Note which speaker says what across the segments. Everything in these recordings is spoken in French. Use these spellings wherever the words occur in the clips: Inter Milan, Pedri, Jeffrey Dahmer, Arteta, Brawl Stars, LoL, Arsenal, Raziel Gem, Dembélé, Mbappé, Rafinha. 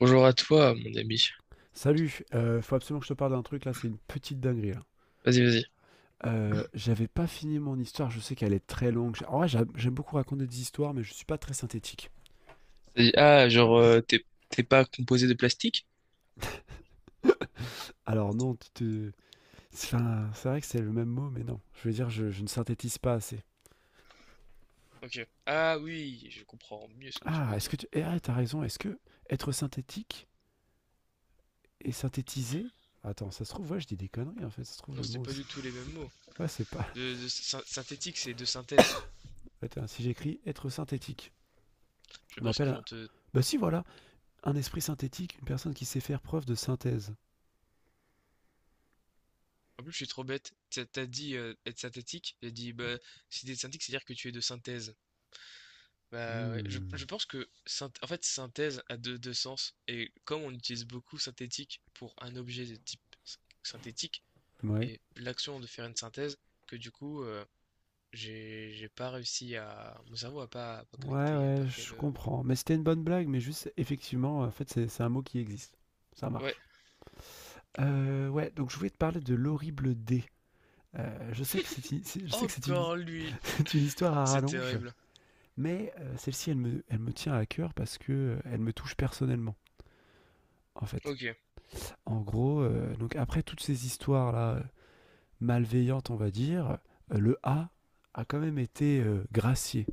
Speaker 1: Bonjour à toi, mon ami.
Speaker 2: Salut, faut absolument que je te parle d'un truc là, c'est une petite dinguerie là.
Speaker 1: Vas-y, vas-y.
Speaker 2: J'avais pas fini mon histoire, je sais qu'elle est très longue. En vrai, j'aime beaucoup raconter des histoires, mais je suis pas très synthétique.
Speaker 1: Vas-y. Ah, genre, t'es pas composé de plastique?
Speaker 2: Alors non, enfin, c'est vrai que c'est le même mot, mais non. Je veux dire, je ne synthétise pas assez.
Speaker 1: Ok. Ah oui, je comprends mieux ce que tu
Speaker 2: Ah,
Speaker 1: veux
Speaker 2: est-ce
Speaker 1: dire.
Speaker 2: que tu... Eh, ah, t'as raison, est-ce que être synthétique et synthétiser. Attends, ça se trouve, ouais, je dis des conneries en fait, ça se trouve
Speaker 1: Non,
Speaker 2: le
Speaker 1: c'est
Speaker 2: mot,
Speaker 1: pas
Speaker 2: c'est.
Speaker 1: du tout les mêmes mots.
Speaker 2: Ouais, c'est pas.
Speaker 1: De synthétique, c'est de synthèse.
Speaker 2: Attends, si j'écris être synthétique,
Speaker 1: Je
Speaker 2: on
Speaker 1: pense
Speaker 2: appelle
Speaker 1: qu'ils
Speaker 2: un.
Speaker 1: vont te.
Speaker 2: Bah si, voilà, un esprit synthétique, une personne qui sait faire preuve de synthèse.
Speaker 1: En plus, je suis trop bête. T'as dit être synthétique. J'ai dit, bah, si t'es synthétique, c'est-à-dire que tu es de synthèse. Bah ouais, je
Speaker 2: Mmh.
Speaker 1: pense que en fait synthèse a deux sens et comme on utilise beaucoup synthétique pour un objet de type synthétique
Speaker 2: Ouais.
Speaker 1: et l'action de faire une synthèse que du coup j'ai pas réussi à mon cerveau a pas
Speaker 2: Ouais,
Speaker 1: connecté, a
Speaker 2: ouais,
Speaker 1: pas fait
Speaker 2: je
Speaker 1: le.
Speaker 2: comprends. Mais c'était une bonne blague, mais juste, effectivement, en fait, c'est un mot qui existe. Ça
Speaker 1: Ouais,
Speaker 2: marche. Ouais, donc je voulais te parler de l'horrible dé. Je sais que c'est une,
Speaker 1: encore lui,
Speaker 2: c'est une histoire à
Speaker 1: c'est
Speaker 2: rallonge,
Speaker 1: terrible.
Speaker 2: mais celle-ci, elle me tient à cœur parce que elle me touche personnellement, en fait.
Speaker 1: OK,
Speaker 2: En gros, donc après toutes ces histoires-là, malveillante, on va dire, le A a quand même été gracié.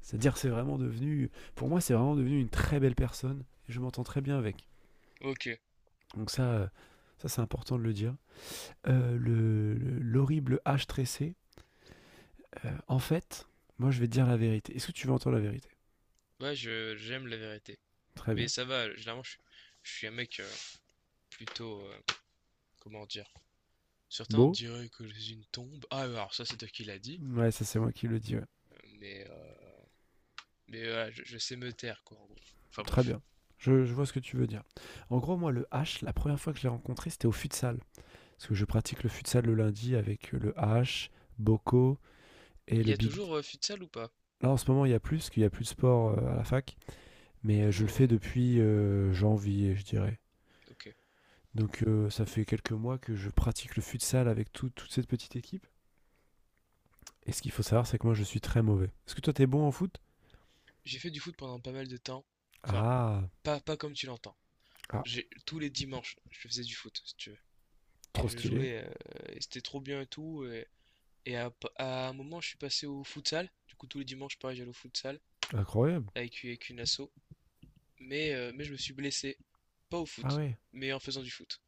Speaker 2: C'est-à-dire, c'est vraiment devenu, pour moi, c'est vraiment devenu une très belle personne. Et je m'entends très bien avec.
Speaker 1: OK.
Speaker 2: Donc ça c'est important de le dire. L'horrible H tressé, en fait, moi, je vais te dire la vérité. Est-ce que tu veux entendre la vérité?
Speaker 1: Ouais, je j'aime la vérité.
Speaker 2: Très
Speaker 1: Mais
Speaker 2: bien.
Speaker 1: ça va, généralement je suis un mec plutôt comment dire? Certains
Speaker 2: Beau
Speaker 1: diraient que je suis une tombe. Ah, alors ça c'est toi qui l'a dit.
Speaker 2: Ouais, ça, c'est moi qui le dis, ouais.
Speaker 1: Mais euh, Mais voilà, je sais me taire, quoi, en gros. Enfin
Speaker 2: Très
Speaker 1: bref.
Speaker 2: bien. Je vois ce que tu veux dire. En gros, moi, le H, la première fois que je l'ai rencontré, c'était au futsal. Parce que je pratique le futsal le lundi avec le H, Boko et
Speaker 1: Il y
Speaker 2: le
Speaker 1: a
Speaker 2: Big D.
Speaker 1: toujours futsal ou pas?
Speaker 2: Là, en ce moment, il n'y a plus, parce qu'il n'y a plus de sport à la fac. Mais je le
Speaker 1: Oh,
Speaker 2: fais depuis janvier, je dirais.
Speaker 1: ok.
Speaker 2: Donc, ça fait quelques mois que je pratique le futsal avec toute cette petite équipe. Et ce qu'il faut savoir, c'est que moi, je suis très mauvais. Est-ce que toi, t'es bon en foot?
Speaker 1: J'ai fait du foot pendant pas mal de temps. Enfin,
Speaker 2: Ah,
Speaker 1: pas, pas comme tu l'entends.
Speaker 2: ah,
Speaker 1: J'ai, tous les dimanches, je faisais du foot, si tu veux. Et
Speaker 2: trop
Speaker 1: je
Speaker 2: stylé.
Speaker 1: jouais, et c'était trop bien et tout. Et à un moment, je suis passé au futsal. Du coup, tous les dimanches, pareil, j'allais au futsal
Speaker 2: Incroyable.
Speaker 1: avec une asso. Mais je me suis blessé. Pas au
Speaker 2: Ah
Speaker 1: foot,
Speaker 2: ouais.
Speaker 1: mais en faisant du foot.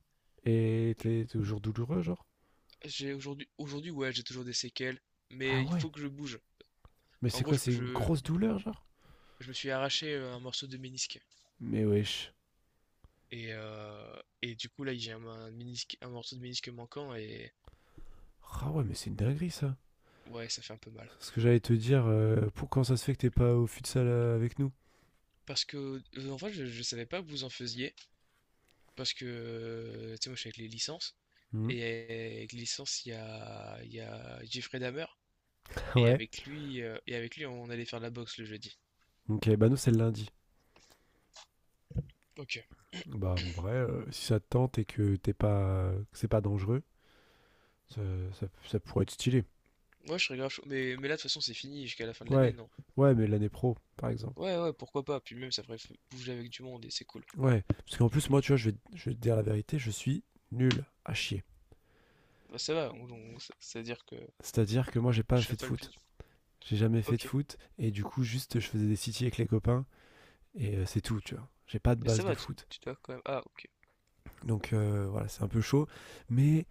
Speaker 2: Et
Speaker 1: Je-
Speaker 2: t'es toujours douloureux, genre?
Speaker 1: J'ai aujourd'hui, ouais, j'ai toujours des séquelles.
Speaker 2: Ah
Speaker 1: Mais il
Speaker 2: ouais.
Speaker 1: faut que je bouge.
Speaker 2: Mais
Speaker 1: En
Speaker 2: c'est
Speaker 1: gros,
Speaker 2: quoi,
Speaker 1: je,
Speaker 2: c'est une
Speaker 1: je,
Speaker 2: grosse douleur, genre?
Speaker 1: Je me suis arraché un morceau de ménisque.
Speaker 2: Mais wesh.
Speaker 1: Et du coup, là, j'ai un ménisque, un morceau de ménisque manquant et
Speaker 2: Ah ouais, mais c'est une dinguerie, ça.
Speaker 1: ouais, ça fait un peu mal.
Speaker 2: Ce que j'allais te dire, pour, quand ça se fait que t'es pas au futsal avec nous?
Speaker 1: Parce que, en fait, je savais pas que vous en faisiez. Parce que, tu sais, moi, je suis avec les licences.
Speaker 2: Mhm.
Speaker 1: Et avec les licences, il y a Jeffrey Dahmer. Et
Speaker 2: Ouais.
Speaker 1: avec lui, on allait faire de la boxe le jeudi.
Speaker 2: Ok, bah nous c'est le lundi.
Speaker 1: Ok.
Speaker 2: Bah en vrai, si ça te tente et que t'es pas, que c'est pas dangereux, ça, ça pourrait être stylé.
Speaker 1: Ouais, je serais grave chaud. Mais là, de toute façon, c'est fini jusqu'à la fin de l'année,
Speaker 2: Ouais,
Speaker 1: non?
Speaker 2: ouais, mais l'année pro, par exemple.
Speaker 1: Ouais, ouais, pourquoi pas. Puis même, ça ferait bouger avec du monde et c'est cool.
Speaker 2: Ouais, parce qu'en plus moi, tu vois, je vais te dire la vérité, je suis nul à chier.
Speaker 1: Bah, ça va, ça veut dire que
Speaker 2: C'est-à-dire que moi, j'ai pas
Speaker 1: je serais
Speaker 2: fait de
Speaker 1: pas le
Speaker 2: foot.
Speaker 1: plus.
Speaker 2: J'ai jamais
Speaker 1: Ok.
Speaker 2: fait de foot et du coup, juste, je faisais des city avec les copains et c'est tout, tu vois. J'ai pas de
Speaker 1: Mais ça
Speaker 2: base de
Speaker 1: va, tu,
Speaker 2: foot.
Speaker 1: tu dois quand même. Ah, ok.
Speaker 2: Donc voilà, c'est un peu chaud. Mais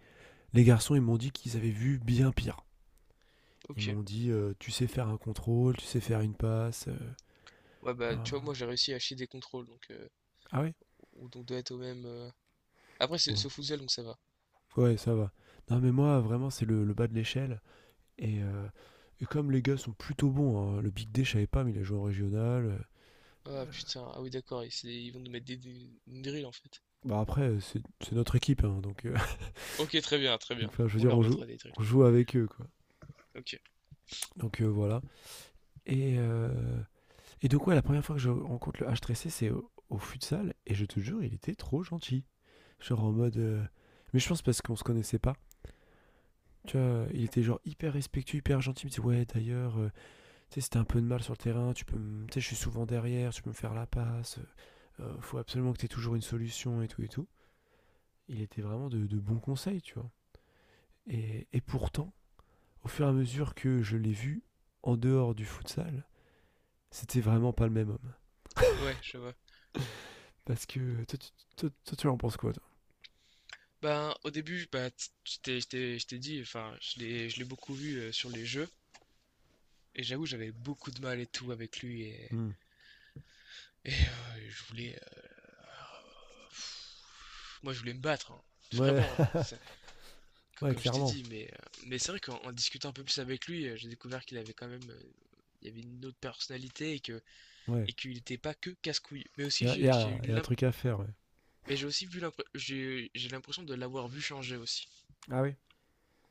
Speaker 2: les garçons, ils m'ont dit qu'ils avaient vu bien pire. Ils
Speaker 1: Ok.
Speaker 2: m'ont dit, tu sais faire un contrôle, tu sais faire une passe.
Speaker 1: Ouais, bah,
Speaker 2: Ben,
Speaker 1: tu vois, moi j'ai réussi à chier des contrôles, donc
Speaker 2: Ah ouais,
Speaker 1: on doit être au même. Après, c'est
Speaker 2: ouais.
Speaker 1: c'est au futsal, donc ça va.
Speaker 2: Ouais, ça va. Non, mais moi, vraiment, c'est le bas de l'échelle. Et, euh, et comme les gars sont plutôt bons, hein, le Big D, je savais pas, mais il a joué en régional.
Speaker 1: Ah putain, ah oui, d'accord, ils vont nous mettre une drill en fait.
Speaker 2: Bah après, c'est notre équipe, hein, donc,
Speaker 1: Ok, très bien, très
Speaker 2: donc
Speaker 1: bien.
Speaker 2: enfin, je veux
Speaker 1: On
Speaker 2: dire, on
Speaker 1: leur mettra
Speaker 2: joue,
Speaker 1: des drills.
Speaker 2: on joue avec eux, quoi.
Speaker 1: Ok,
Speaker 2: Donc voilà. Et, euh, et donc ouais, la première fois que je rencontre le H3C, c'est au futsal, et je te jure, il était trop gentil. Genre en mode. Mais je pense parce qu'on se connaissait pas. Tu vois, il était genre hyper respectueux, hyper gentil. Il me dit: Ouais, d'ailleurs, tu sais, si t'as un peu de mal sur le terrain, Tu sais, je suis souvent derrière, tu peux me faire la passe. Faut absolument que t'aies toujours une solution et tout et tout. Il était vraiment de bons conseils, tu vois. Et pourtant, au fur et à mesure que je l'ai vu en dehors du futsal, c'était vraiment pas le même homme.
Speaker 1: ouais, je vois.
Speaker 2: Parce que. Toi, tu en penses quoi, toi?
Speaker 1: Ben, au début, bah, je t'ai dit, enfin, je l'ai beaucoup vu sur les jeux, et j'avoue, j'avais beaucoup de mal et tout avec lui, et,
Speaker 2: Hmm.
Speaker 1: et, euh, je voulais. Moi, je voulais me battre, hein.
Speaker 2: Ouais,
Speaker 1: Vraiment,
Speaker 2: ouais,
Speaker 1: comme je t'ai
Speaker 2: clairement.
Speaker 1: dit, mais c'est vrai qu'en en discutant un peu plus avec lui, j'ai découvert qu'il avait quand même, il y avait une autre personnalité et que,
Speaker 2: Ouais.
Speaker 1: et qu'il n'était pas que casse-couille. Mais
Speaker 2: Il
Speaker 1: aussi,
Speaker 2: y a, y a un truc à faire, ouais.
Speaker 1: mais j'ai aussi vu j'ai l'impression de l'avoir vu changer aussi.
Speaker 2: Ah oui.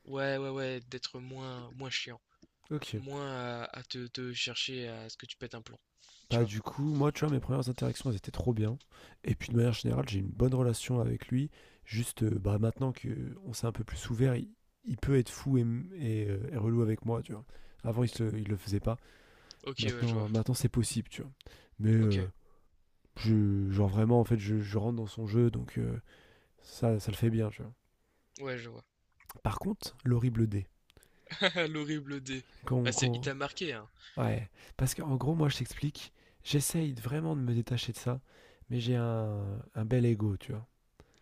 Speaker 1: Ouais, ouais, ouais, d'être moins, moins chiant,
Speaker 2: Ok.
Speaker 1: moins à te chercher à ce que tu pètes un plomb, tu
Speaker 2: Bah,
Speaker 1: vois.
Speaker 2: du coup, moi, tu vois, mes premières interactions, elles étaient trop bien. Et puis, de manière générale, j'ai une bonne relation avec lui. Juste, bah, maintenant qu'on s'est un peu plus ouvert, il peut être fou et relou avec moi, tu vois. Avant, il le faisait pas.
Speaker 1: Ok, ouais, je vois.
Speaker 2: Maintenant, maintenant c'est possible, tu vois. Mais,
Speaker 1: Ok,
Speaker 2: je, genre, vraiment, en fait, je rentre dans son jeu, donc ça le fait bien, tu vois.
Speaker 1: ouais, je vois.
Speaker 2: Par contre, l'horrible dé.
Speaker 1: L'horrible dé.
Speaker 2: Quand,
Speaker 1: Bah, il
Speaker 2: quand,
Speaker 1: t'a marqué, hein.
Speaker 2: Ouais. Parce qu'en gros, moi, je t'explique, j'essaye vraiment de me détacher de ça, mais j'ai un bel ego, tu vois.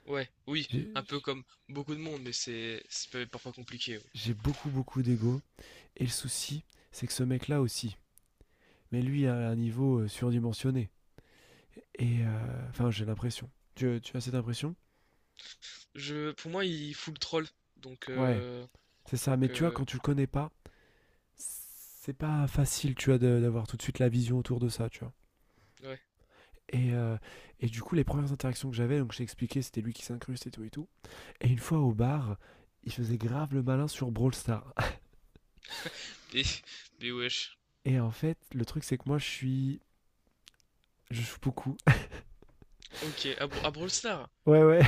Speaker 1: Ouais, oui, un
Speaker 2: J'ai
Speaker 1: peu comme beaucoup de monde, mais c'est parfois compliqué. Ouais.
Speaker 2: j'ai beaucoup, beaucoup d'ego. Et le souci, c'est que ce mec-là aussi. Mais lui, à un niveau surdimensionné. Et, enfin, j'ai l'impression. Tu as cette impression?
Speaker 1: Pour moi, il fout le troll. Donc,
Speaker 2: Ouais, c'est ça. Mais
Speaker 1: donc
Speaker 2: tu vois,
Speaker 1: euh,
Speaker 2: quand tu le connais pas, c'est pas facile, tu vois, d'avoir tout de suite la vision autour de ça, tu vois.
Speaker 1: ouais.
Speaker 2: Et, euh, et du coup, les premières interactions que j'avais, donc je t'ai expliqué, c'était lui qui s'incruste et tout et tout. Et une fois au bar, il faisait grave le malin sur Brawl Stars.
Speaker 1: Mais, mais wesh.
Speaker 2: Et en fait, le truc, c'est que moi, je suis. Je joue beaucoup.
Speaker 1: Ok, à Brawl Stars.
Speaker 2: Ouais, ouais.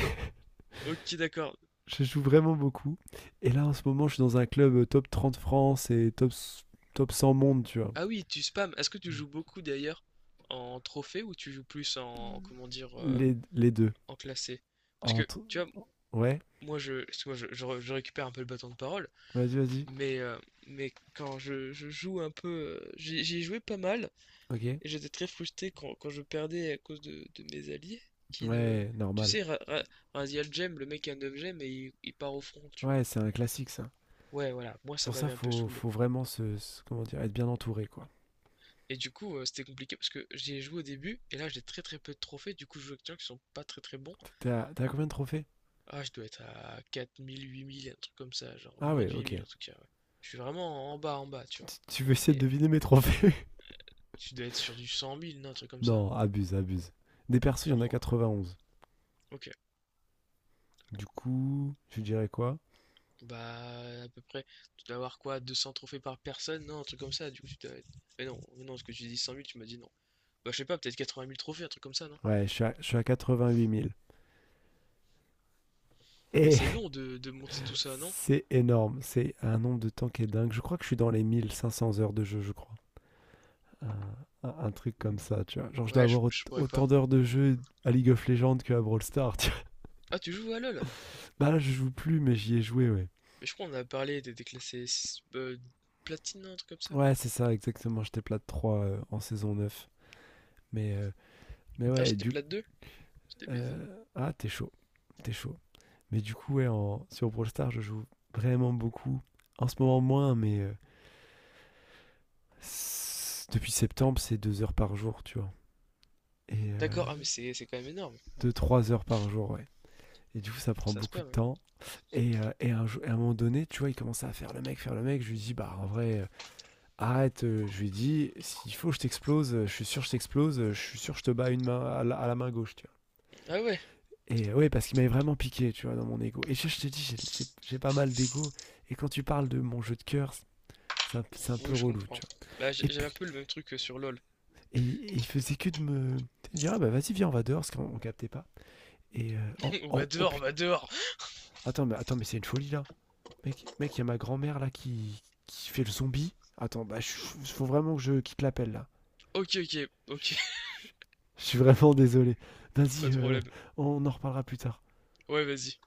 Speaker 1: Ok, d'accord.
Speaker 2: Je joue vraiment beaucoup. Et là, en ce moment, je suis dans un club top 30 France et top 100 monde, tu vois.
Speaker 1: Ah oui, tu spams. Est-ce que tu joues beaucoup d'ailleurs en trophée ou tu joues plus en, comment dire,
Speaker 2: Les deux.
Speaker 1: en classé? Parce que,
Speaker 2: Entre.
Speaker 1: tu vois,
Speaker 2: Ouais,
Speaker 1: moi, je récupère un peu le bâton de parole,
Speaker 2: vas-y, vas-y.
Speaker 1: mais, euh, mais quand je joue un peu, j'y ai joué pas mal.
Speaker 2: Ok.
Speaker 1: Et j'étais très frustré quand je perdais à cause de mes alliés qui ne.
Speaker 2: Ouais,
Speaker 1: Tu
Speaker 2: normal.
Speaker 1: sais, Raziel Gem, le mec a 9 gemmes et il part au front, tu vois.
Speaker 2: Ouais, c'est un classique, ça.
Speaker 1: Ouais, voilà, moi
Speaker 2: C'est
Speaker 1: ça
Speaker 2: pour ça
Speaker 1: m'avait un peu
Speaker 2: faut,
Speaker 1: saoulé.
Speaker 2: faut vraiment comment dire, être bien entouré, quoi.
Speaker 1: Et du coup, c'était compliqué parce que j'y ai joué au début et là j'ai très très peu de trophées, du coup je joue avec des gens qui sont pas très très bons.
Speaker 2: T'as combien de trophées?
Speaker 1: Ah, je dois être à 4 000 8 000 un truc comme ça, genre
Speaker 2: Ah
Speaker 1: moins
Speaker 2: ouais,
Speaker 1: de huit
Speaker 2: ok.
Speaker 1: mille en tout cas, ouais. Je suis vraiment en bas, tu vois.
Speaker 2: Tu veux essayer de
Speaker 1: Et
Speaker 2: deviner mes trophées?
Speaker 1: tu dois être sur du 100 000 non, un truc comme ça.
Speaker 2: Non, abuse, abuse. Des persos, il y en a
Speaker 1: Genre,
Speaker 2: 91.
Speaker 1: ok,
Speaker 2: Du coup, je dirais quoi?
Speaker 1: bah, à peu près, tu dois avoir quoi, 200 trophées par personne? Non, un truc comme ça, du coup, tu dois. Mais non, ce que tu dis 100 000 tu m'as dit non. Bah, je sais pas, peut-être 80 000 trophées, un truc comme ça, non?
Speaker 2: Ouais, je suis à 88 000.
Speaker 1: Mais c'est
Speaker 2: Eh.
Speaker 1: long de monter tout ça, non?
Speaker 2: C'est énorme. C'est un nombre de temps qui est dingue. Je crois que je suis dans les 1 500 heures de jeu, je crois. Euh, un truc comme ça, tu vois. Genre, je dois
Speaker 1: Ouais, je,
Speaker 2: avoir
Speaker 1: je pourrais pas.
Speaker 2: autant d'heures de jeu à League of Legends que à Brawl Stars, tu vois.
Speaker 1: Ah, tu joues à LoL?
Speaker 2: Bah là, je joue plus, mais j'y ai joué, ouais.
Speaker 1: Mais je crois qu'on a parlé des déclassés platine, un truc comme ça.
Speaker 2: Ouais, c'est ça, exactement. J'étais plate 3 en saison neuf. Mais, euh, mais
Speaker 1: Ah,
Speaker 2: ouais,
Speaker 1: j'étais
Speaker 2: du
Speaker 1: plate deux. J'étais baisé.
Speaker 2: ah, t'es chaud, t'es chaud. Mais du coup, ouais, sur Brawl Stars, je joue vraiment beaucoup. En ce moment, moins, mais depuis septembre, c'est 2 heures par jour, tu vois. Et
Speaker 1: D'accord, ah, mais c'est quand même énorme,
Speaker 2: 2 3 heures par jour, ouais. Et du coup, ça prend
Speaker 1: ça se
Speaker 2: beaucoup de
Speaker 1: passe.
Speaker 2: temps. Et à un moment donné, tu vois, il commençait à faire le mec, faire le mec. Je lui dis, bah en vrai, arrête. Je lui dis, s'il faut, je t'explose. Je suis sûr, je t'explose. Je suis sûr, je te bats une main à la main gauche, tu vois.
Speaker 1: Ah ouais,
Speaker 2: Et ouais, parce qu'il m'avait vraiment piqué, tu vois, dans mon ego. Et je te dis, j'ai pas mal d'ego. Et quand tu parles de mon jeu de cœur, c'est un peu
Speaker 1: oui, je
Speaker 2: relou,
Speaker 1: comprends.
Speaker 2: tu vois.
Speaker 1: Bah,
Speaker 2: Et
Speaker 1: j'avais
Speaker 2: puis,
Speaker 1: un peu le même truc que sur LoL.
Speaker 2: et il faisait que de me dire, ah bah vas-y, viens, on va dehors, parce qu'on captait pas. Oh,
Speaker 1: On va
Speaker 2: oh, oh
Speaker 1: dehors, on
Speaker 2: putain!
Speaker 1: va dehors!
Speaker 2: Attends, mais c'est une folie là. Mec, mec, y a ma grand-mère là qui fait le zombie. Attends, bah, faut vraiment que je quitte l'appel là.
Speaker 1: Ok, ok, ok,
Speaker 2: Je je- je suis vraiment désolé.
Speaker 1: pas
Speaker 2: Vas-y,
Speaker 1: de problème.
Speaker 2: on en reparlera plus tard.
Speaker 1: Ouais, vas-y.